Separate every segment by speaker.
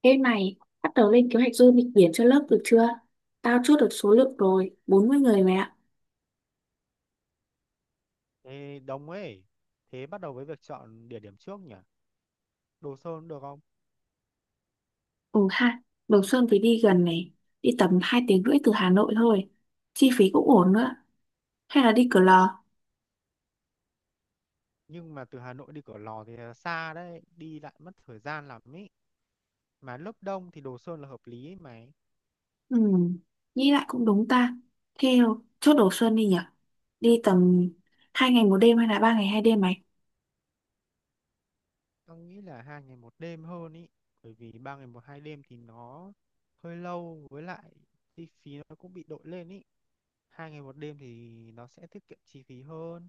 Speaker 1: Ê mày, bắt đầu lên kế hoạch du lịch biển cho lớp được chưa? Tao chốt được số lượng rồi, 40 người mày ạ.
Speaker 2: Ê, đông ấy. Thế bắt đầu với việc chọn địa điểm trước nhỉ? Đồ Sơn được không?
Speaker 1: Ừ ha, Đồng Xuân thì đi gần này, đi tầm 2 tiếng rưỡi từ Hà Nội thôi. Chi phí cũng ổn nữa. Hay là đi Cửa Lò?
Speaker 2: Nhưng mà từ Hà Nội đi Cửa Lò thì là xa đấy, đi lại mất thời gian lắm ý. Mà lớp đông thì Đồ Sơn là hợp lý ấy mày.
Speaker 1: Ừ, nghĩ lại cũng đúng ta. Theo, chốt Đồng Xuân đi nhở? Đi tầm 2 ngày 1 đêm hay là 3 ngày 2 đêm mày?
Speaker 2: Tao nghĩ là 2 ngày 1 đêm hơn ý. Bởi vì 3 ngày 1 2 đêm thì nó hơi lâu với lại chi phí nó cũng bị đội lên ý. Hai ngày một đêm thì nó sẽ tiết kiệm chi phí hơn.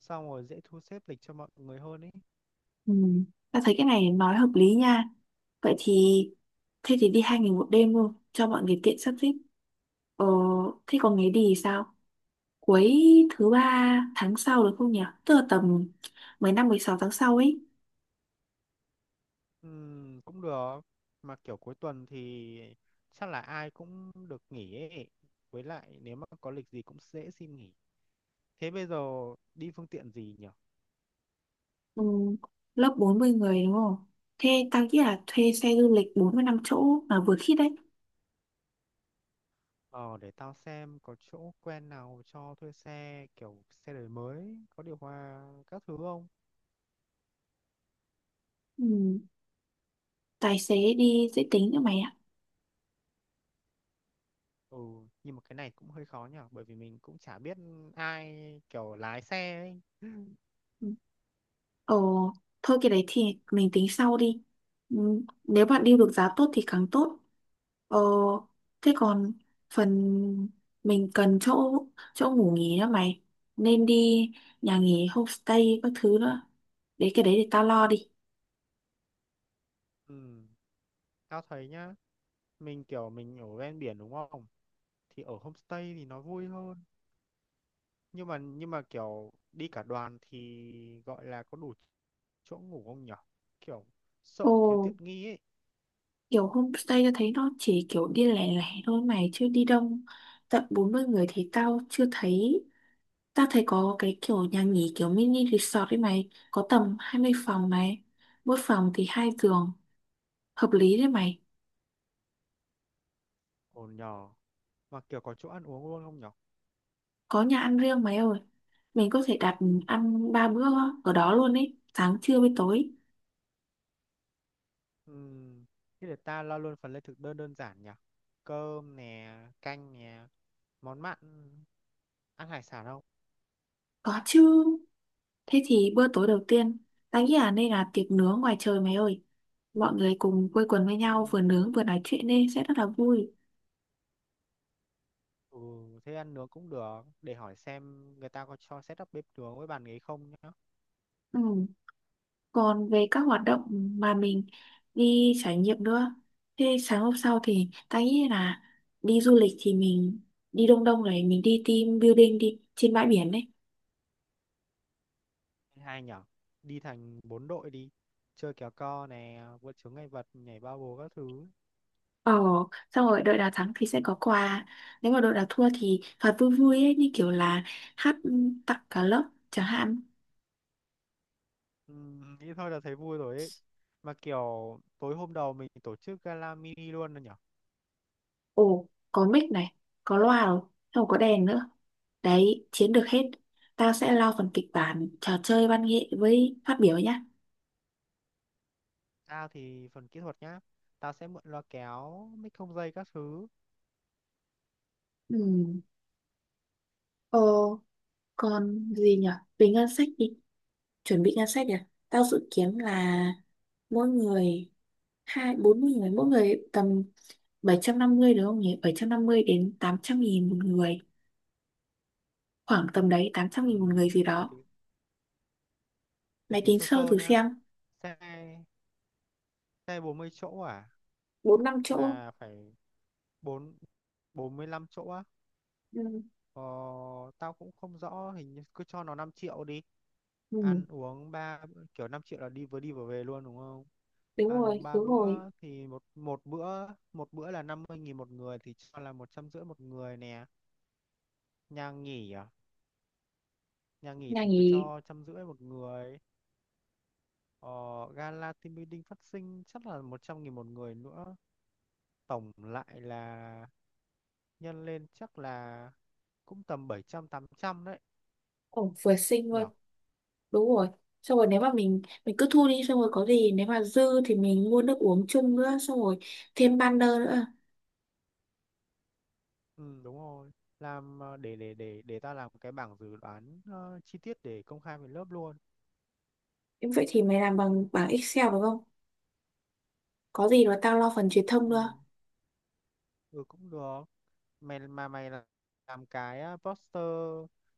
Speaker 2: Xong rồi dễ thu xếp lịch cho mọi người hơn ý.
Speaker 1: Ừ. Ta thấy cái này nói hợp lý nha. Vậy thì Thế thì đi 2 ngày 1 đêm luôn cho mọi người tiện sắp xếp. Ờ, thế còn ngày đi thì sao? Cuối thứ ba tháng sau được không nhỉ? Tức là tầm 15 16 tháng sau ấy.
Speaker 2: Cũng được mà kiểu cuối tuần thì chắc là ai cũng được nghỉ ấy, với lại nếu mà có lịch gì cũng dễ xin nghỉ. Thế bây giờ đi phương tiện gì nhỉ?
Speaker 1: Ừ, lớp 40 người đúng không? Thế tao nghĩ là thuê xe du lịch 45 chỗ mà vừa khít đấy.
Speaker 2: Ờ để tao xem có chỗ quen nào cho thuê xe, kiểu xe đời mới có điều hòa các thứ không.
Speaker 1: Ừ, tài xế đi dễ tính nữa mày ạ.
Speaker 2: Ừ, nhưng mà cái này cũng hơi khó nhỉ, bởi vì mình cũng chả biết ai kiểu lái xe ấy.
Speaker 1: Ừ. ồ, Thôi cái đấy thì mình tính sau đi. Ừ, nếu bạn deal được giá tốt thì càng tốt. Ờ, thế còn phần mình cần chỗ chỗ ngủ nghỉ nữa mày. Nên đi nhà nghỉ homestay các thứ nữa. Để cái đấy thì tao lo đi.
Speaker 2: Ừm. Tao thấy nhá, mình kiểu mình ở ven biển đúng không? Thì ở homestay thì nó vui hơn. Nhưng mà kiểu đi cả đoàn thì gọi là có đủ chỗ ngủ không nhở, kiểu sợ
Speaker 1: Ồ.
Speaker 2: thiếu tiện nghi ấy.
Speaker 1: Kiểu homestay tao thấy nó chỉ kiểu đi lẻ lẻ thôi mày, chứ đi đông tận 40 người thì tao chưa thấy. Tao thấy có cái kiểu nhà nghỉ kiểu mini resort đấy mày, có tầm 20 phòng này, mỗi phòng thì 2 giường, hợp lý đấy mày.
Speaker 2: Ổn nhờ, mà kiểu có chỗ ăn uống luôn không nhở?
Speaker 1: Có nhà ăn riêng mày ơi, mình có thể đặt ăn 3 bữa ở đó luôn ấy, sáng trưa với tối.
Speaker 2: Ừm, Thế để ta lo luôn phần lên thực đơn đơn giản nhở, cơm nè, canh nè, món mặn, ăn hải sản không?
Speaker 1: Có chứ, thế thì bữa tối đầu tiên tao nghĩ là nên là tiệc nướng ngoài trời mày ơi. Mọi người cùng quây quần với nhau,
Speaker 2: Ừm,
Speaker 1: vừa nướng vừa nói chuyện đi sẽ rất là vui.
Speaker 2: ừ, thế ăn nướng cũng được, để hỏi xem người ta có cho set up bếp nướng với bàn ghế không nhá.
Speaker 1: Ừ. Còn về các hoạt động mà mình đi trải nghiệm nữa. Thế sáng hôm sau thì ta nghĩ là đi du lịch thì mình đi Đông Đông này, mình đi team building đi trên bãi biển đấy.
Speaker 2: Hai nhở, đi thành bốn đội đi, chơi kéo co nè, vượt chướng ngại vật, nhảy bao bố các thứ.
Speaker 1: Ờ, xong rồi đội nào thắng thì sẽ có quà. Nếu mà đội nào thua thì phạt vui vui ấy, như kiểu là hát tặng cả lớp chẳng hạn.
Speaker 2: Ừ, nghĩ thôi là thấy vui rồi ấy. Mà kiểu tối hôm đầu mình tổ chức gala mini luôn rồi nhở.
Speaker 1: Ồ, có mic này, có loa rồi, xong rồi có đèn nữa. Đấy, chiến được hết. Tao sẽ lo phần kịch bản trò chơi văn nghệ với phát biểu nhá.
Speaker 2: Tao thì phần kỹ thuật nhá, tao sẽ mượn loa kéo, mic không dây các thứ.
Speaker 1: Ừ. Ờ, còn gì nhỉ? Về ngân sách đi, chuẩn bị ngân sách nhỉ? Tao dự kiến là mỗi người bốn mươi người, mỗi người tầm 750 đúng không nhỉ? 750 đến 800.000 một người, khoảng tầm đấy tám trăm
Speaker 2: Ừ,
Speaker 1: nghìn một người gì
Speaker 2: để
Speaker 1: đó.
Speaker 2: để
Speaker 1: Mày
Speaker 2: tính
Speaker 1: tính
Speaker 2: sơ
Speaker 1: sơ
Speaker 2: sơ
Speaker 1: thử
Speaker 2: nhá.
Speaker 1: xem,
Speaker 2: Xe Xe 40 chỗ à?
Speaker 1: bốn
Speaker 2: Chắc
Speaker 1: năm chỗ.
Speaker 2: là phải bốn 45 chỗ.
Speaker 1: Ừ.
Speaker 2: Ờ, tao cũng không rõ, hình như cứ cho nó 5 triệu đi.
Speaker 1: Ừ,
Speaker 2: Ăn uống ba bữa- Kiểu 5 triệu là đi, vừa đi vừa về luôn đúng không?
Speaker 1: đúng
Speaker 2: Ăn
Speaker 1: rồi,
Speaker 2: uống ba
Speaker 1: khứ hồi.
Speaker 2: bữa thì một một bữa, một bữa là 50.000 một người thì cho là 150.000 một người nè. Nhà nghỉ à? Nhà nghỉ
Speaker 1: Ngành
Speaker 2: thì cứ
Speaker 1: ý.
Speaker 2: cho 150.000 một người. ờ, Gala team building phát sinh chắc là 100.000 một người nữa. Tổng lại là, nhân lên chắc là cũng tầm 700 800 đấy
Speaker 1: Ổn vừa xinh
Speaker 2: nhỉ.
Speaker 1: luôn. Đúng rồi. Xong rồi nếu mà mình cứ thu đi, xong rồi có gì nếu mà dư thì mình mua nước uống chung nữa, xong rồi thêm banner nữa.
Speaker 2: Ừ, đúng rồi. Làm ờ, để ta làm cái bảng dự đoán chi tiết để công khai về lớp luôn.
Speaker 1: Vậy thì mày làm bằng bảng Excel đúng không? Có gì mà tao lo phần truyền thông
Speaker 2: Ừ,
Speaker 1: nữa.
Speaker 2: ừ cũng được. Mày mà mày là- Làm cái poster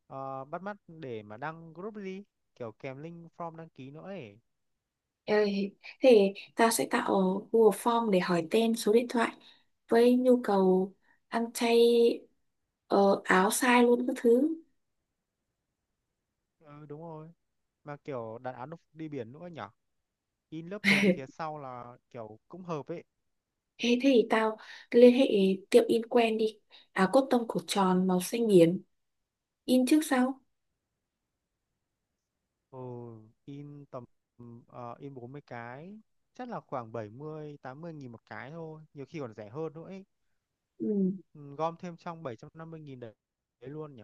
Speaker 2: bắt mắt để mà đăng group đi, kiểu kèm link form đăng ký nữa ấy.
Speaker 1: Ê, thế tao sẽ tạo Google Form để hỏi tên, số điện thoại, với nhu cầu ăn chay, ờ, áo size luôn các thứ.
Speaker 2: Ừ đúng rồi. Mà kiểu đặt áo đi biển nữa nhở. In lớp mình phía sau là kiểu cũng hợp ấy.
Speaker 1: Thế thì tao liên hệ tiệm in quen đi. Áo cốt tông cổ tròn màu xanh biển. In trước sau.
Speaker 2: Ừ, in tầm in 40 cái, chắc là khoảng 70 80.000 một cái thôi, nhiều khi còn rẻ hơn nữa ấy.
Speaker 1: Ừ.
Speaker 2: Ừ, gom thêm trong 750.000 đấy, đấy luôn nhỉ?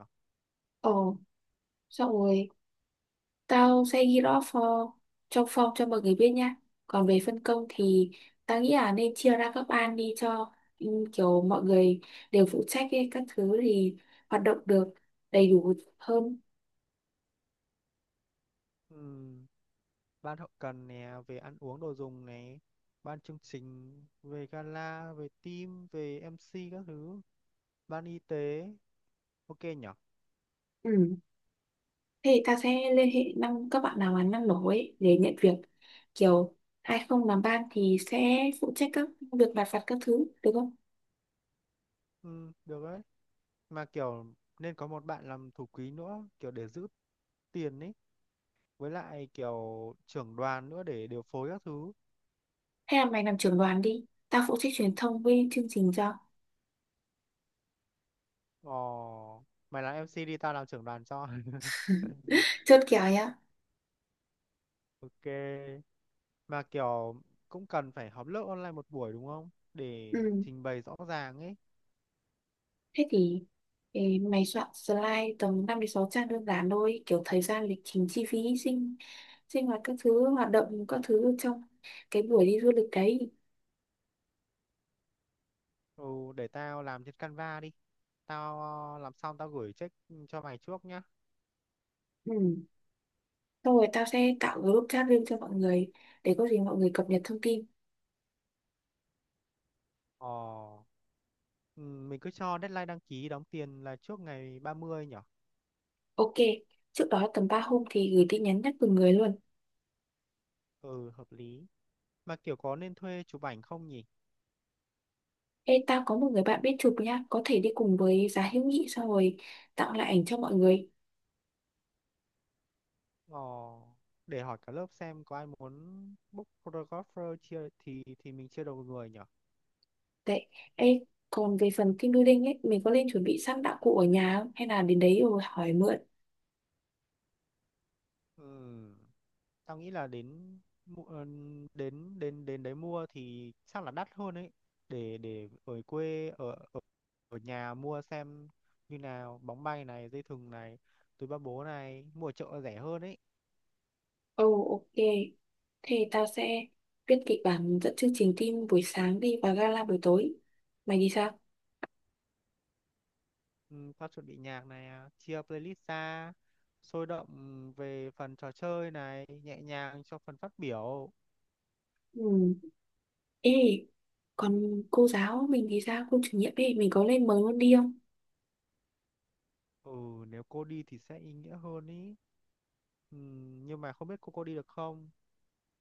Speaker 1: Ồ, xong rồi. Tao sẽ ghi rõ for trong form cho mọi người biết nhá. Còn về phân công thì tao nghĩ là nên chia ra các ban đi cho, ừ, kiểu mọi người đều phụ trách ấy, các thứ thì hoạt động được đầy đủ hơn.
Speaker 2: Ừ, ban hậu cần nè, về ăn uống đồ dùng này, ban chương trình, về gala, về team, về MC các thứ, ban y tế, ok nhỉ?
Speaker 1: Ừ. Thế thì tao sẽ liên hệ năm các bạn nào mà năng nổ ấy để nhận việc. Kiểu ai không làm ban thì sẽ phụ trách các việc lặt vặt các thứ, được không?
Speaker 2: Ừ, được đấy. Mà kiểu nên có một bạn làm thủ quỹ nữa, kiểu để giữ tiền ấy, với lại kiểu trưởng đoàn nữa để điều phối các thứ.
Speaker 1: Hay là mày làm trưởng đoàn đi. Tao phụ trách truyền thông với chương trình cho.
Speaker 2: Ồ, mày làm MC đi, tao làm trưởng đoàn cho.
Speaker 1: Chốt kèo nhá.
Speaker 2: Ok. Mà kiểu cũng cần phải họp lớp online một buổi đúng không, để
Speaker 1: Ừ.
Speaker 2: trình bày rõ ràng ấy.
Speaker 1: Thế thì ê, mày soạn slide tầm 5 đến 6 trang đơn giản thôi, kiểu thời gian, lịch trình, chi phí, sinh sinh hoạt các thứ, hoạt động các thứ trong cái buổi đi du lịch đấy.
Speaker 2: Ừ, để tao làm trên Canva đi. tao làm xong tao gửi check, ừ, cho mày trước nhá.
Speaker 1: Ừ. Xong rồi tao sẽ tạo group chat riêng cho mọi người để có gì mọi người cập nhật thông tin.
Speaker 2: Ờ, ừ, mình cứ cho deadline đăng ký đóng tiền là trước ngày 30 nhở.
Speaker 1: Ok, trước đó tầm 3 hôm thì gửi tin nhắn nhắc từng người luôn.
Speaker 2: Ừ hợp lý. Mà kiểu có nên thuê chụp ảnh không nhỉ?
Speaker 1: Ê, tao có một người bạn biết chụp nhá, có thể đi cùng với giá hữu nghị, xong rồi tặng lại ảnh cho mọi người.
Speaker 2: Ờ, để hỏi cả lớp xem có ai muốn book photographer, chia thì mình chia đầu người nhở.
Speaker 1: Đấy. Ê, còn về phần team building ấy, mình có nên chuẩn bị sẵn đạo cụ ở nhà không? Hay là đến đấy rồi hỏi mượn?
Speaker 2: Ừ, tao nghĩ là đến mu- ờ, đến đến đến đấy mua thì chắc là đắt hơn ấy. Để ở quê ở ở, ở nhà mua xem như nào, bóng bay này, dây thừng này, túi ba bố này, mua ở chợ rẻ hơn ấy.
Speaker 1: Ồ, ok. Thế tao sẽ viết kịch bản dẫn chương trình team buổi sáng đi và gala buổi tối. Mày thì sao?
Speaker 2: Ừ, tao chuẩn bị nhạc này à, chia playlist ra, sôi động về phần trò chơi này, nhẹ nhàng cho phần phát biểu.
Speaker 1: Ừ. Ê, còn cô giáo mình thì sao? Cô chủ nhiệm ấy, mình có lên mời luôn đi không?
Speaker 2: Ừ nếu cô đi thì sẽ ý nghĩa hơn ý. Ừ, nhưng mà không biết cô đi được không.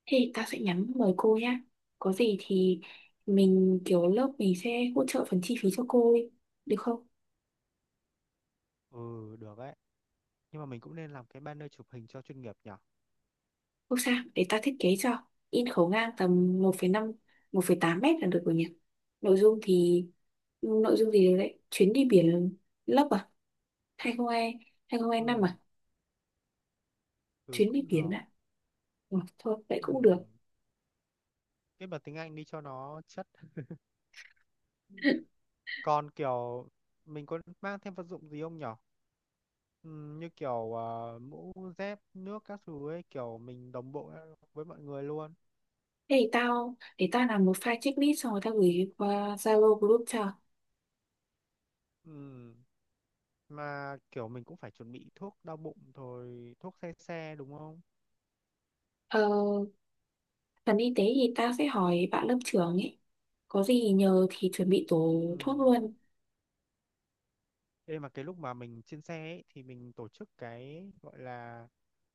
Speaker 1: Thì tao sẽ nhắn mời cô nhá. Có gì thì mình kiểu lớp mình sẽ hỗ trợ phần chi phí cho cô ấy. Được không?
Speaker 2: Ừ được đấy. Nhưng mà mình cũng nên làm cái banner chụp hình cho chuyên nghiệp nhỉ?
Speaker 1: Không sao, để ta thiết kế cho. In khấu ngang tầm một một phẩy năm, 1,8 m là được rồi nhỉ? Nội dung thì... nội dung gì đấy? Chuyến đi biển lớp à? 2020, năm
Speaker 2: Ừ,
Speaker 1: à?
Speaker 2: ừ
Speaker 1: Chuyến đi
Speaker 2: cũng
Speaker 1: biển
Speaker 2: được.
Speaker 1: ạ. Ừ, thôi, vậy
Speaker 2: Ừ.
Speaker 1: cũng được.
Speaker 2: Viết bằng tiếng Anh đi cho nó chất. Ừ. Còn kiểu mình có mang thêm vật dụng gì không nhỉ? Ừ, như kiểu mũ, dép, nước các thứ ấy, kiểu mình đồng bộ với mọi người luôn.
Speaker 1: Thế thì để tao làm một file checklist, xong rồi tao gửi qua Zalo group cho.
Speaker 2: Ừ. Mà kiểu mình cũng phải chuẩn bị thuốc đau bụng rồi thuốc xe xe đúng không?
Speaker 1: Ờ, phần y tế thì tao sẽ hỏi bạn lớp trưởng ấy. Có gì nhờ thì chuẩn bị tổ
Speaker 2: Ừ.
Speaker 1: thuốc luôn.
Speaker 2: Ê, mà cái lúc mà mình trên xe ấy, thì mình tổ chức cái gọi là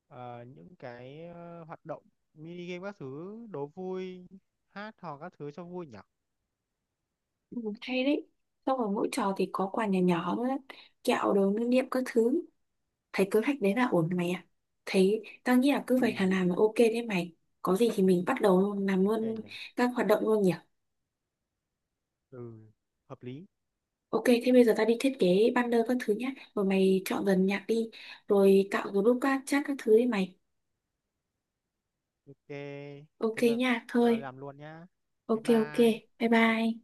Speaker 2: hoạt động mini game các thứ, đố vui, hát hò các thứ cho vui nhỉ.
Speaker 1: Ừ, hay đấy. Xong rồi mỗi trò thì có quà nhỏ nhỏ nữa, kẹo, đồ lưu niệm các thứ. Thấy kế hoạch đấy là ổn mày ạ. Thấy tao nghĩ là cứ
Speaker 2: Ừ.
Speaker 1: vậy là làm là ok đấy mày. Có gì thì mình bắt đầu luôn, làm
Speaker 2: Ok
Speaker 1: luôn
Speaker 2: nhỉ.
Speaker 1: các hoạt động luôn nhỉ.
Speaker 2: Ừ hợp lý.
Speaker 1: Ok, thế bây giờ tao đi thiết kế banner các thứ nhá, rồi mày chọn dần nhạc đi, rồi tạo group các chat các thứ đi mày.
Speaker 2: Ok
Speaker 1: Ok
Speaker 2: thế bây
Speaker 1: nha, thôi.
Speaker 2: giờ làm luôn nhá. Bye
Speaker 1: Ok, ok.
Speaker 2: bye.
Speaker 1: Bye bye.